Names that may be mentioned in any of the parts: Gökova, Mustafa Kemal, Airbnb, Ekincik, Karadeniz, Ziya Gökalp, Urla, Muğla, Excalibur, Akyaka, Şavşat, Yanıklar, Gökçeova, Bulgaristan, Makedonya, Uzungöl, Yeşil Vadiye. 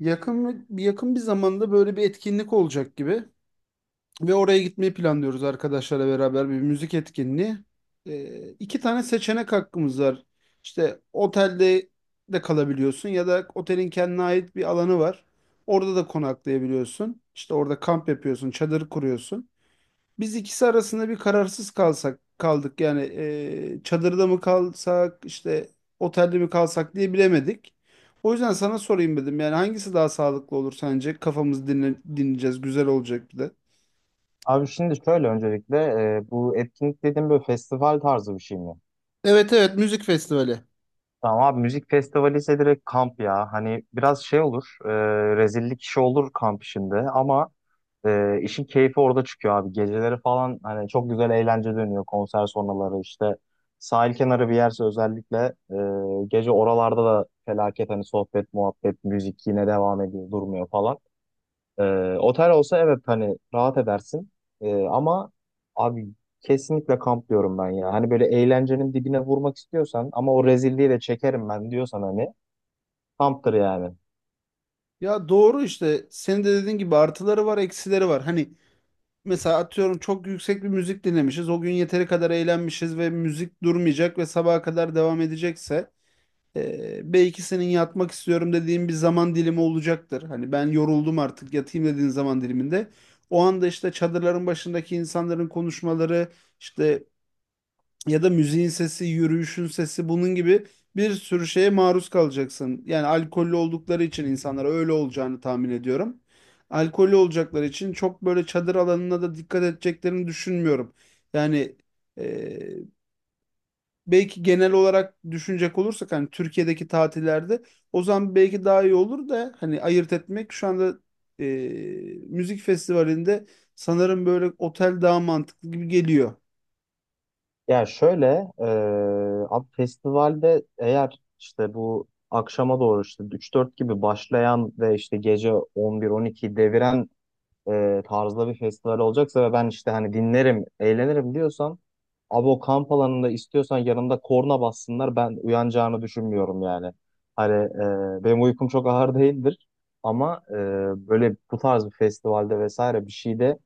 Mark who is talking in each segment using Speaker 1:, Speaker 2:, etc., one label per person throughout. Speaker 1: Yakın bir zamanda böyle bir etkinlik olacak gibi ve oraya gitmeyi planlıyoruz arkadaşlarla beraber bir müzik etkinliği. İki tane seçenek hakkımız var. İşte otelde de kalabiliyorsun ya da otelin kendine ait bir alanı var. Orada da konaklayabiliyorsun. İşte orada kamp yapıyorsun, çadır kuruyorsun. Biz ikisi arasında bir kararsız kalsak kaldık. Yani çadırda mı kalsak işte otelde mi kalsak diye bilemedik. O yüzden sana sorayım dedim. Yani hangisi daha sağlıklı olur sence? Kafamızı dinle, dinleyeceğiz. Güzel olacak bir de.
Speaker 2: Abi şimdi şöyle öncelikle bu etkinlik dediğim böyle festival tarzı bir şey mi?
Speaker 1: Evet evet, müzik festivali.
Speaker 2: Tamam abi müzik festivali ise direkt kamp ya. Hani biraz şey olur, rezillik işi olur kamp işinde ama işin keyfi orada çıkıyor abi. Geceleri falan hani çok güzel eğlence dönüyor konser sonraları işte. Sahil kenarı bir yerse özellikle gece oralarda da felaket hani sohbet, muhabbet, müzik yine devam ediyor, durmuyor falan. Otel olsa evet hani rahat edersin. Ama abi kesinlikle kamp diyorum ben ya. Hani böyle eğlencenin dibine vurmak istiyorsan ama o rezilliği de çekerim ben diyorsan hani kamptır yani.
Speaker 1: Ya doğru işte. Senin de dediğin gibi artıları var, eksileri var. Hani mesela atıyorum çok yüksek bir müzik dinlemişiz. O gün yeteri kadar eğlenmişiz ve müzik durmayacak ve sabaha kadar devam edecekse belki senin yatmak istiyorum dediğin bir zaman dilimi olacaktır. Hani ben yoruldum artık yatayım dediğin zaman diliminde. O anda işte çadırların başındaki insanların konuşmaları işte ya da müziğin sesi, yürüyüşün sesi bunun gibi bir sürü şeye maruz kalacaksın. Yani alkollü oldukları için insanlara öyle olacağını tahmin ediyorum. Alkollü olacakları için çok böyle çadır alanına da dikkat edeceklerini düşünmüyorum. Yani belki genel olarak düşünecek olursak hani Türkiye'deki tatillerde o zaman belki daha iyi olur da hani ayırt etmek şu anda e, müzik festivalinde sanırım böyle otel daha mantıklı gibi geliyor.
Speaker 2: Ya şöyle abi festivalde eğer işte bu akşama doğru işte üç dört gibi başlayan ve işte gece 11 12 deviren tarzda bir festival olacaksa ve ben işte hani dinlerim, eğlenirim diyorsan abi o kamp alanında istiyorsan yanımda korna bassınlar ben uyanacağını düşünmüyorum yani. Hani benim uykum çok ağır değildir ama böyle bu tarz bir festivalde vesaire bir şeyde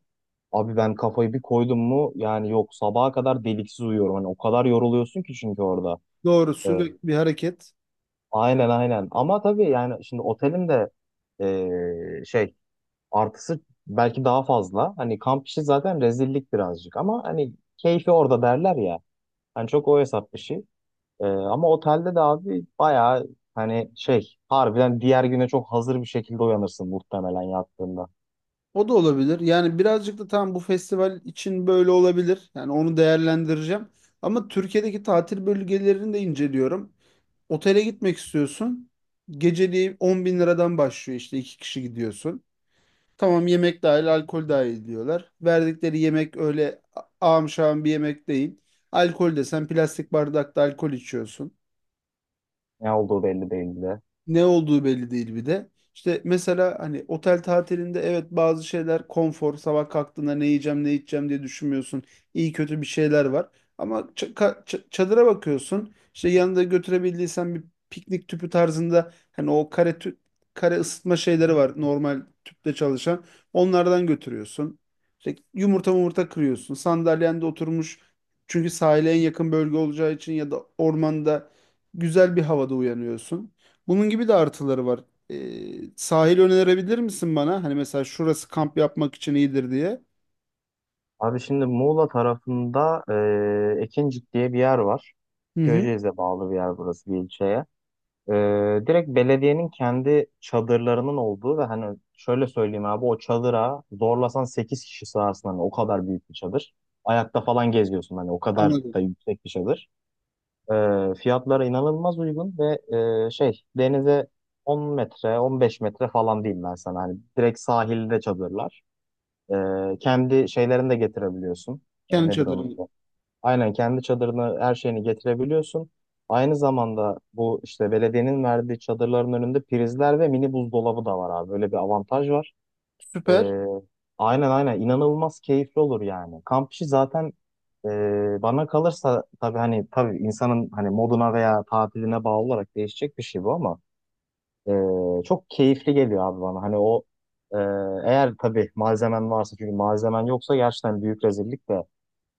Speaker 2: abi ben kafayı bir koydum mu yani yok sabaha kadar deliksiz uyuyorum. Hani o kadar yoruluyorsun ki çünkü orada.
Speaker 1: Doğru,
Speaker 2: E,
Speaker 1: sürekli bir hareket.
Speaker 2: aynen aynen ama tabii yani şimdi otelim de şey. Artısı belki daha fazla. Hani kamp işi zaten rezillik birazcık ama hani keyfi orada derler ya. Hani çok o hesap işi. Ama otelde de abi bayağı hani şey harbiden diğer güne çok hazır bir şekilde uyanırsın muhtemelen yattığında.
Speaker 1: O da olabilir. Yani birazcık da tam bu festival için böyle olabilir. Yani onu değerlendireceğim. Ama Türkiye'deki tatil bölgelerini de inceliyorum. Otele gitmek istiyorsun. Geceliği 10 bin liradan başlıyor, işte iki kişi gidiyorsun. Tamam yemek dahil, alkol dahil diyorlar. Verdikleri yemek öyle ağam şağım bir yemek değil. Alkol desen plastik bardakta alkol içiyorsun.
Speaker 2: Ne olduğu belli değil bile.
Speaker 1: Ne olduğu belli değil bir de. İşte mesela hani otel tatilinde evet bazı şeyler konfor, sabah kalktığında ne yiyeceğim ne içeceğim diye düşünmüyorsun. İyi kötü bir şeyler var. Ama çadıra bakıyorsun. İşte yanında götürebildiysen bir piknik tüpü tarzında hani o kare ısıtma şeyleri var normal tüple çalışan. Onlardan götürüyorsun. İşte yumurta kırıyorsun. Sandalyende oturmuş çünkü sahile en yakın bölge olacağı için ya da ormanda güzel bir havada uyanıyorsun. Bunun gibi de artıları var. Sahil önerebilir misin bana? Hani mesela şurası kamp yapmak için iyidir diye.
Speaker 2: Abi şimdi Muğla tarafında Ekincik diye bir yer var.
Speaker 1: Hı hı.
Speaker 2: Köyceğiz'e bağlı bir yer burası, bir ilçeye. Direkt belediyenin kendi çadırlarının olduğu ve hani şöyle söyleyeyim abi o çadıra zorlasan 8 kişi sığarsın, hani o kadar büyük bir çadır. Ayakta falan geziyorsun, hani o kadar
Speaker 1: Anladım.
Speaker 2: da yüksek bir çadır. Fiyatlara inanılmaz uygun ve şey, denize 10 metre 15 metre falan diyeyim ben sana, hani direkt sahilde çadırlar. Kendi şeylerini de getirebiliyorsun.
Speaker 1: Kendi
Speaker 2: Nedir onun
Speaker 1: çadırını.
Speaker 2: adı? Aynen kendi çadırını her şeyini getirebiliyorsun. Aynı zamanda bu işte belediyenin verdiği çadırların önünde prizler ve mini buzdolabı da var abi. Böyle bir avantaj var.
Speaker 1: Süper.
Speaker 2: Ee, aynen aynen inanılmaz keyifli olur yani. Kamp işi zaten bana kalırsa, tabii hani tabii insanın hani moduna veya tatiline bağlı olarak değişecek bir şey bu ama çok keyifli geliyor abi bana. Hani o e, eğer tabii malzemen varsa, çünkü malzemen yoksa gerçekten büyük rezillik de.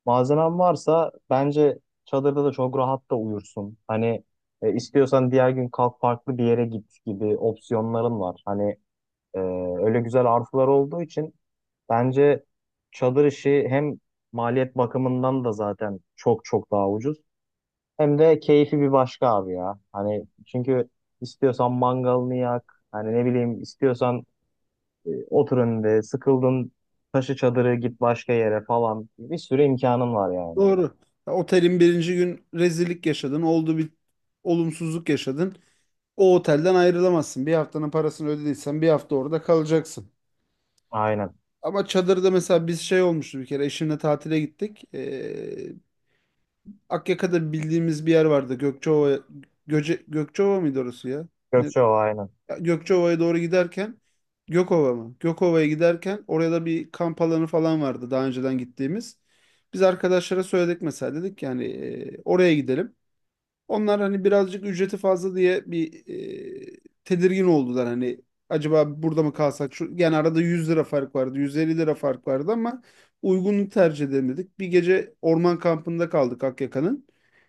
Speaker 2: Malzemen varsa bence çadırda da çok rahat da uyursun. Hani istiyorsan diğer gün kalk farklı bir yere git gibi opsiyonların var. Hani e, öyle güzel artılar olduğu için bence çadır işi hem maliyet bakımından da zaten çok çok daha ucuz. Hem de keyfi bir başka abi ya. Hani çünkü istiyorsan mangalını yak. Hani ne bileyim, istiyorsan otur önünde, sıkıldın taşı çadırı git başka yere falan. Bir sürü imkanın var yani.
Speaker 1: Doğru. Ya, otelin birinci gün rezillik yaşadın. Oldu bir olumsuzluk yaşadın. O otelden ayrılamazsın. Bir haftanın parasını ödediysen bir hafta orada kalacaksın.
Speaker 2: Aynen.
Speaker 1: Ama çadırda mesela biz şey olmuştu bir kere. Eşimle tatile gittik. Akyaka'da bildiğimiz bir yer vardı. Gökçeova mıydı orası ya? Ne
Speaker 2: Gökçeova aynen.
Speaker 1: Gökçeova'ya doğru giderken Gökova mı? Gökova'ya giderken oraya da bir kamp alanı falan vardı daha önceden gittiğimiz. Biz arkadaşlara söyledik mesela dedik yani oraya gidelim. Onlar hani birazcık ücreti fazla diye bir tedirgin oldular hani acaba burada mı kalsak? Şu, yani arada 100 lira fark vardı, 150 lira fark vardı ama uygunluğu tercih edemedik. Bir gece orman kampında kaldık Akyaka'nın.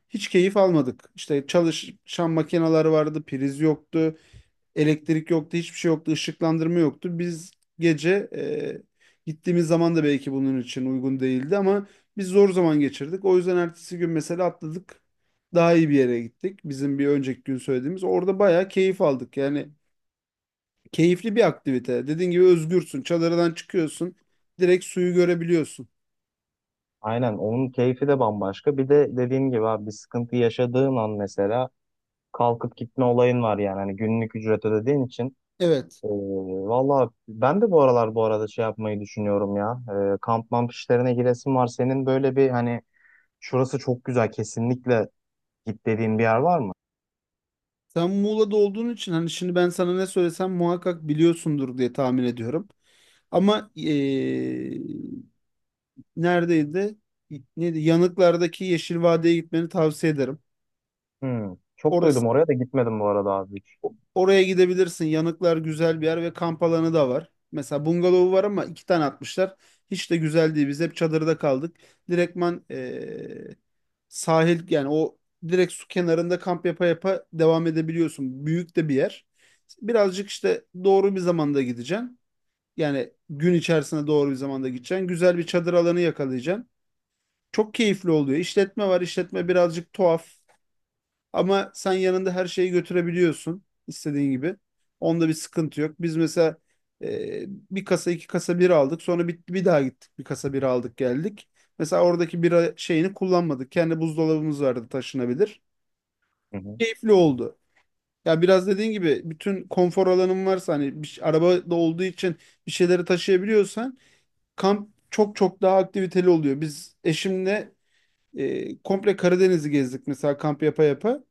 Speaker 1: Hiç keyif almadık. İşte çalışan makineler vardı, priz yoktu. Elektrik yoktu, hiçbir şey yoktu, ışıklandırma yoktu. Biz gece gittiğimiz zaman da belki bunun için uygun değildi ama biz zor zaman geçirdik. O yüzden ertesi gün mesela atladık. Daha iyi bir yere gittik. Bizim bir önceki gün söylediğimiz. Orada bayağı keyif aldık. Yani keyifli bir aktivite. Dediğin gibi özgürsün. Çadırdan çıkıyorsun. Direkt suyu görebiliyorsun.
Speaker 2: Aynen, onun keyfi de bambaşka. Bir de dediğim gibi abi bir sıkıntı yaşadığın an mesela kalkıp gitme olayın var yani. Hani günlük ücret ödediğin için.
Speaker 1: Evet.
Speaker 2: Ee, Valla ben de bu aralar bu arada şey yapmayı düşünüyorum ya. Kamp mamp işlerine giresim var. Senin böyle bir hani şurası çok güzel kesinlikle git dediğin bir yer var mı?
Speaker 1: Sen Muğla'da olduğun için hani şimdi ben sana ne söylesem muhakkak biliyorsundur diye tahmin ediyorum. Ama neredeydi? Neydi? Yanıklardaki Yeşil Vadiye gitmeni tavsiye ederim.
Speaker 2: Hmm. Çok
Speaker 1: Orası,
Speaker 2: duydum, oraya da gitmedim bu arada abi hiç.
Speaker 1: oraya gidebilirsin. Yanıklar güzel bir yer ve kamp alanı da var. Mesela bungalovu var ama iki tane atmışlar. Hiç de güzel değil. Biz hep çadırda kaldık. Direktman sahil yani o direkt su kenarında kamp yapa yapa devam edebiliyorsun. Büyük de bir yer. Birazcık işte doğru bir zamanda gideceksin. Yani gün içerisine doğru bir zamanda gideceksin. Güzel bir çadır alanı yakalayacaksın. Çok keyifli oluyor. İşletme var. İşletme birazcık tuhaf. Ama sen yanında her şeyi götürebiliyorsun istediğin gibi. Onda bir sıkıntı yok. Biz mesela e, bir kasa iki kasa bira aldık. Sonra bir daha gittik. Bir kasa bira aldık geldik. Mesela oradaki bira şeyini kullanmadık. Kendi buzdolabımız vardı taşınabilir.
Speaker 2: Hı hı.
Speaker 1: Keyifli oldu. Ya biraz dediğin gibi bütün konfor alanın varsa hani arabada olduğu için bir şeyleri taşıyabiliyorsan kamp çok çok daha aktiviteli oluyor. Biz eşimle komple Karadeniz'i gezdik mesela kamp yapa yapa.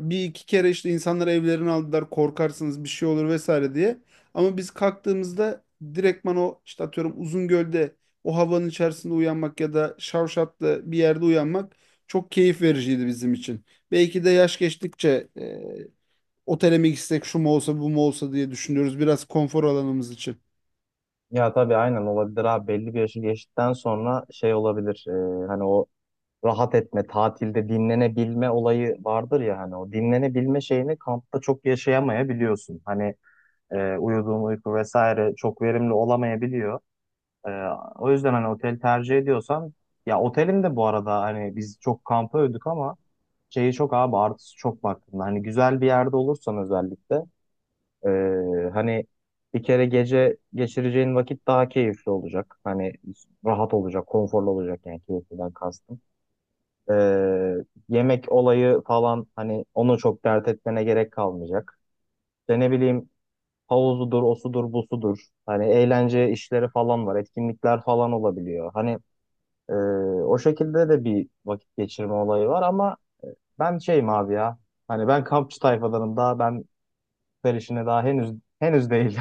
Speaker 1: Bir iki kere işte insanlar evlerini aldılar korkarsınız bir şey olur vesaire diye. Ama biz kalktığımızda direktman o işte atıyorum Uzungöl'de o havanın içerisinde uyanmak ya da Şavşat'ta bir yerde uyanmak çok keyif vericiydi bizim için. Belki de yaş geçtikçe otele mi gitsek şu mu olsa bu mu olsa diye düşünüyoruz biraz konfor alanımız için.
Speaker 2: Ya tabii aynen olabilir abi, belli bir yaşı geçtikten sonra şey olabilir. Hani o rahat etme, tatilde dinlenebilme olayı vardır ya, hani o dinlenebilme şeyini kampta çok yaşayamayabiliyorsun. Hani uyuduğun uyku vesaire çok verimli olamayabiliyor. E, O yüzden hani otel tercih ediyorsan, ya otelin de bu arada hani biz çok kampa ödük ama şeyi çok abi, artısı çok baktığında hani güzel bir yerde olursan özellikle hani bir kere gece geçireceğin vakit daha keyifli olacak. Hani rahat olacak, konforlu olacak, yani keyifliden kastım. Ee, Yemek olayı falan, hani onu çok dert etmene gerek kalmayacak. İşte ne bileyim, havuzudur, osudur, busudur. Hani eğlence işleri falan var, etkinlikler falan olabiliyor. Hani e, o şekilde de bir vakit geçirme olayı var ama ben şeyim abi ya. Hani ben kampçı tayfadanım daha, ben her işine daha henüz değil.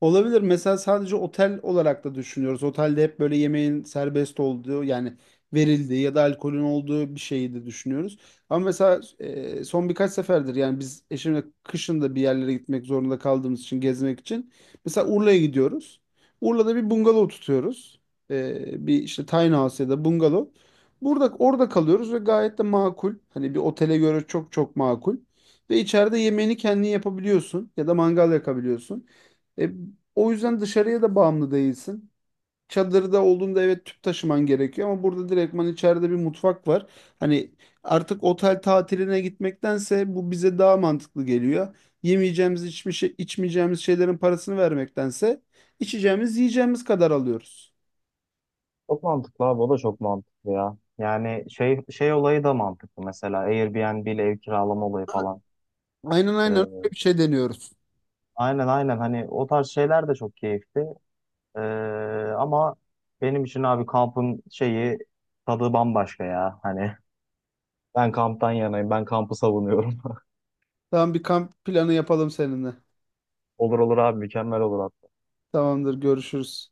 Speaker 1: Olabilir. Mesela sadece otel olarak da düşünüyoruz. Otelde hep böyle yemeğin serbest olduğu yani verildiği ya da alkolün olduğu bir şeyi de düşünüyoruz. Ama mesela son birkaç seferdir yani biz eşimle kışın da bir yerlere gitmek zorunda kaldığımız için gezmek için. Mesela Urla'ya gidiyoruz. Urla'da bir bungalov tutuyoruz. Bir işte tiny house ya da bungalov. Burada orada kalıyoruz ve gayet de makul. Hani bir otele göre çok çok makul. Ve içeride yemeğini kendin yapabiliyorsun ya da mangal yakabiliyorsun. E, O yüzden dışarıya da bağımlı değilsin. Çadırda olduğunda evet tüp taşıman gerekiyor ama burada direktman içeride bir mutfak var. Hani artık otel tatiline gitmektense bu bize daha mantıklı geliyor. Yemeyeceğimiz, içmeyeceğimiz şeylerin parasını vermektense içeceğimiz, yiyeceğimiz kadar alıyoruz.
Speaker 2: Çok mantıklı abi, o da çok mantıklı ya. Yani şey olayı da mantıklı, mesela Airbnb ile ev kiralama olayı falan.
Speaker 1: Aynen aynen, öyle bir şey deniyoruz.
Speaker 2: Aynen aynen hani o tarz şeyler de çok keyifli. Ee, ama benim için abi kampın şeyi, tadı bambaşka ya. Hani ben kamptan yanayım. Ben kampı savunuyorum.
Speaker 1: Tamam, bir kamp planı yapalım seninle.
Speaker 2: Olur olur abi, mükemmel olur hatta.
Speaker 1: Tamamdır, görüşürüz.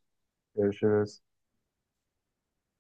Speaker 2: Görüşürüz.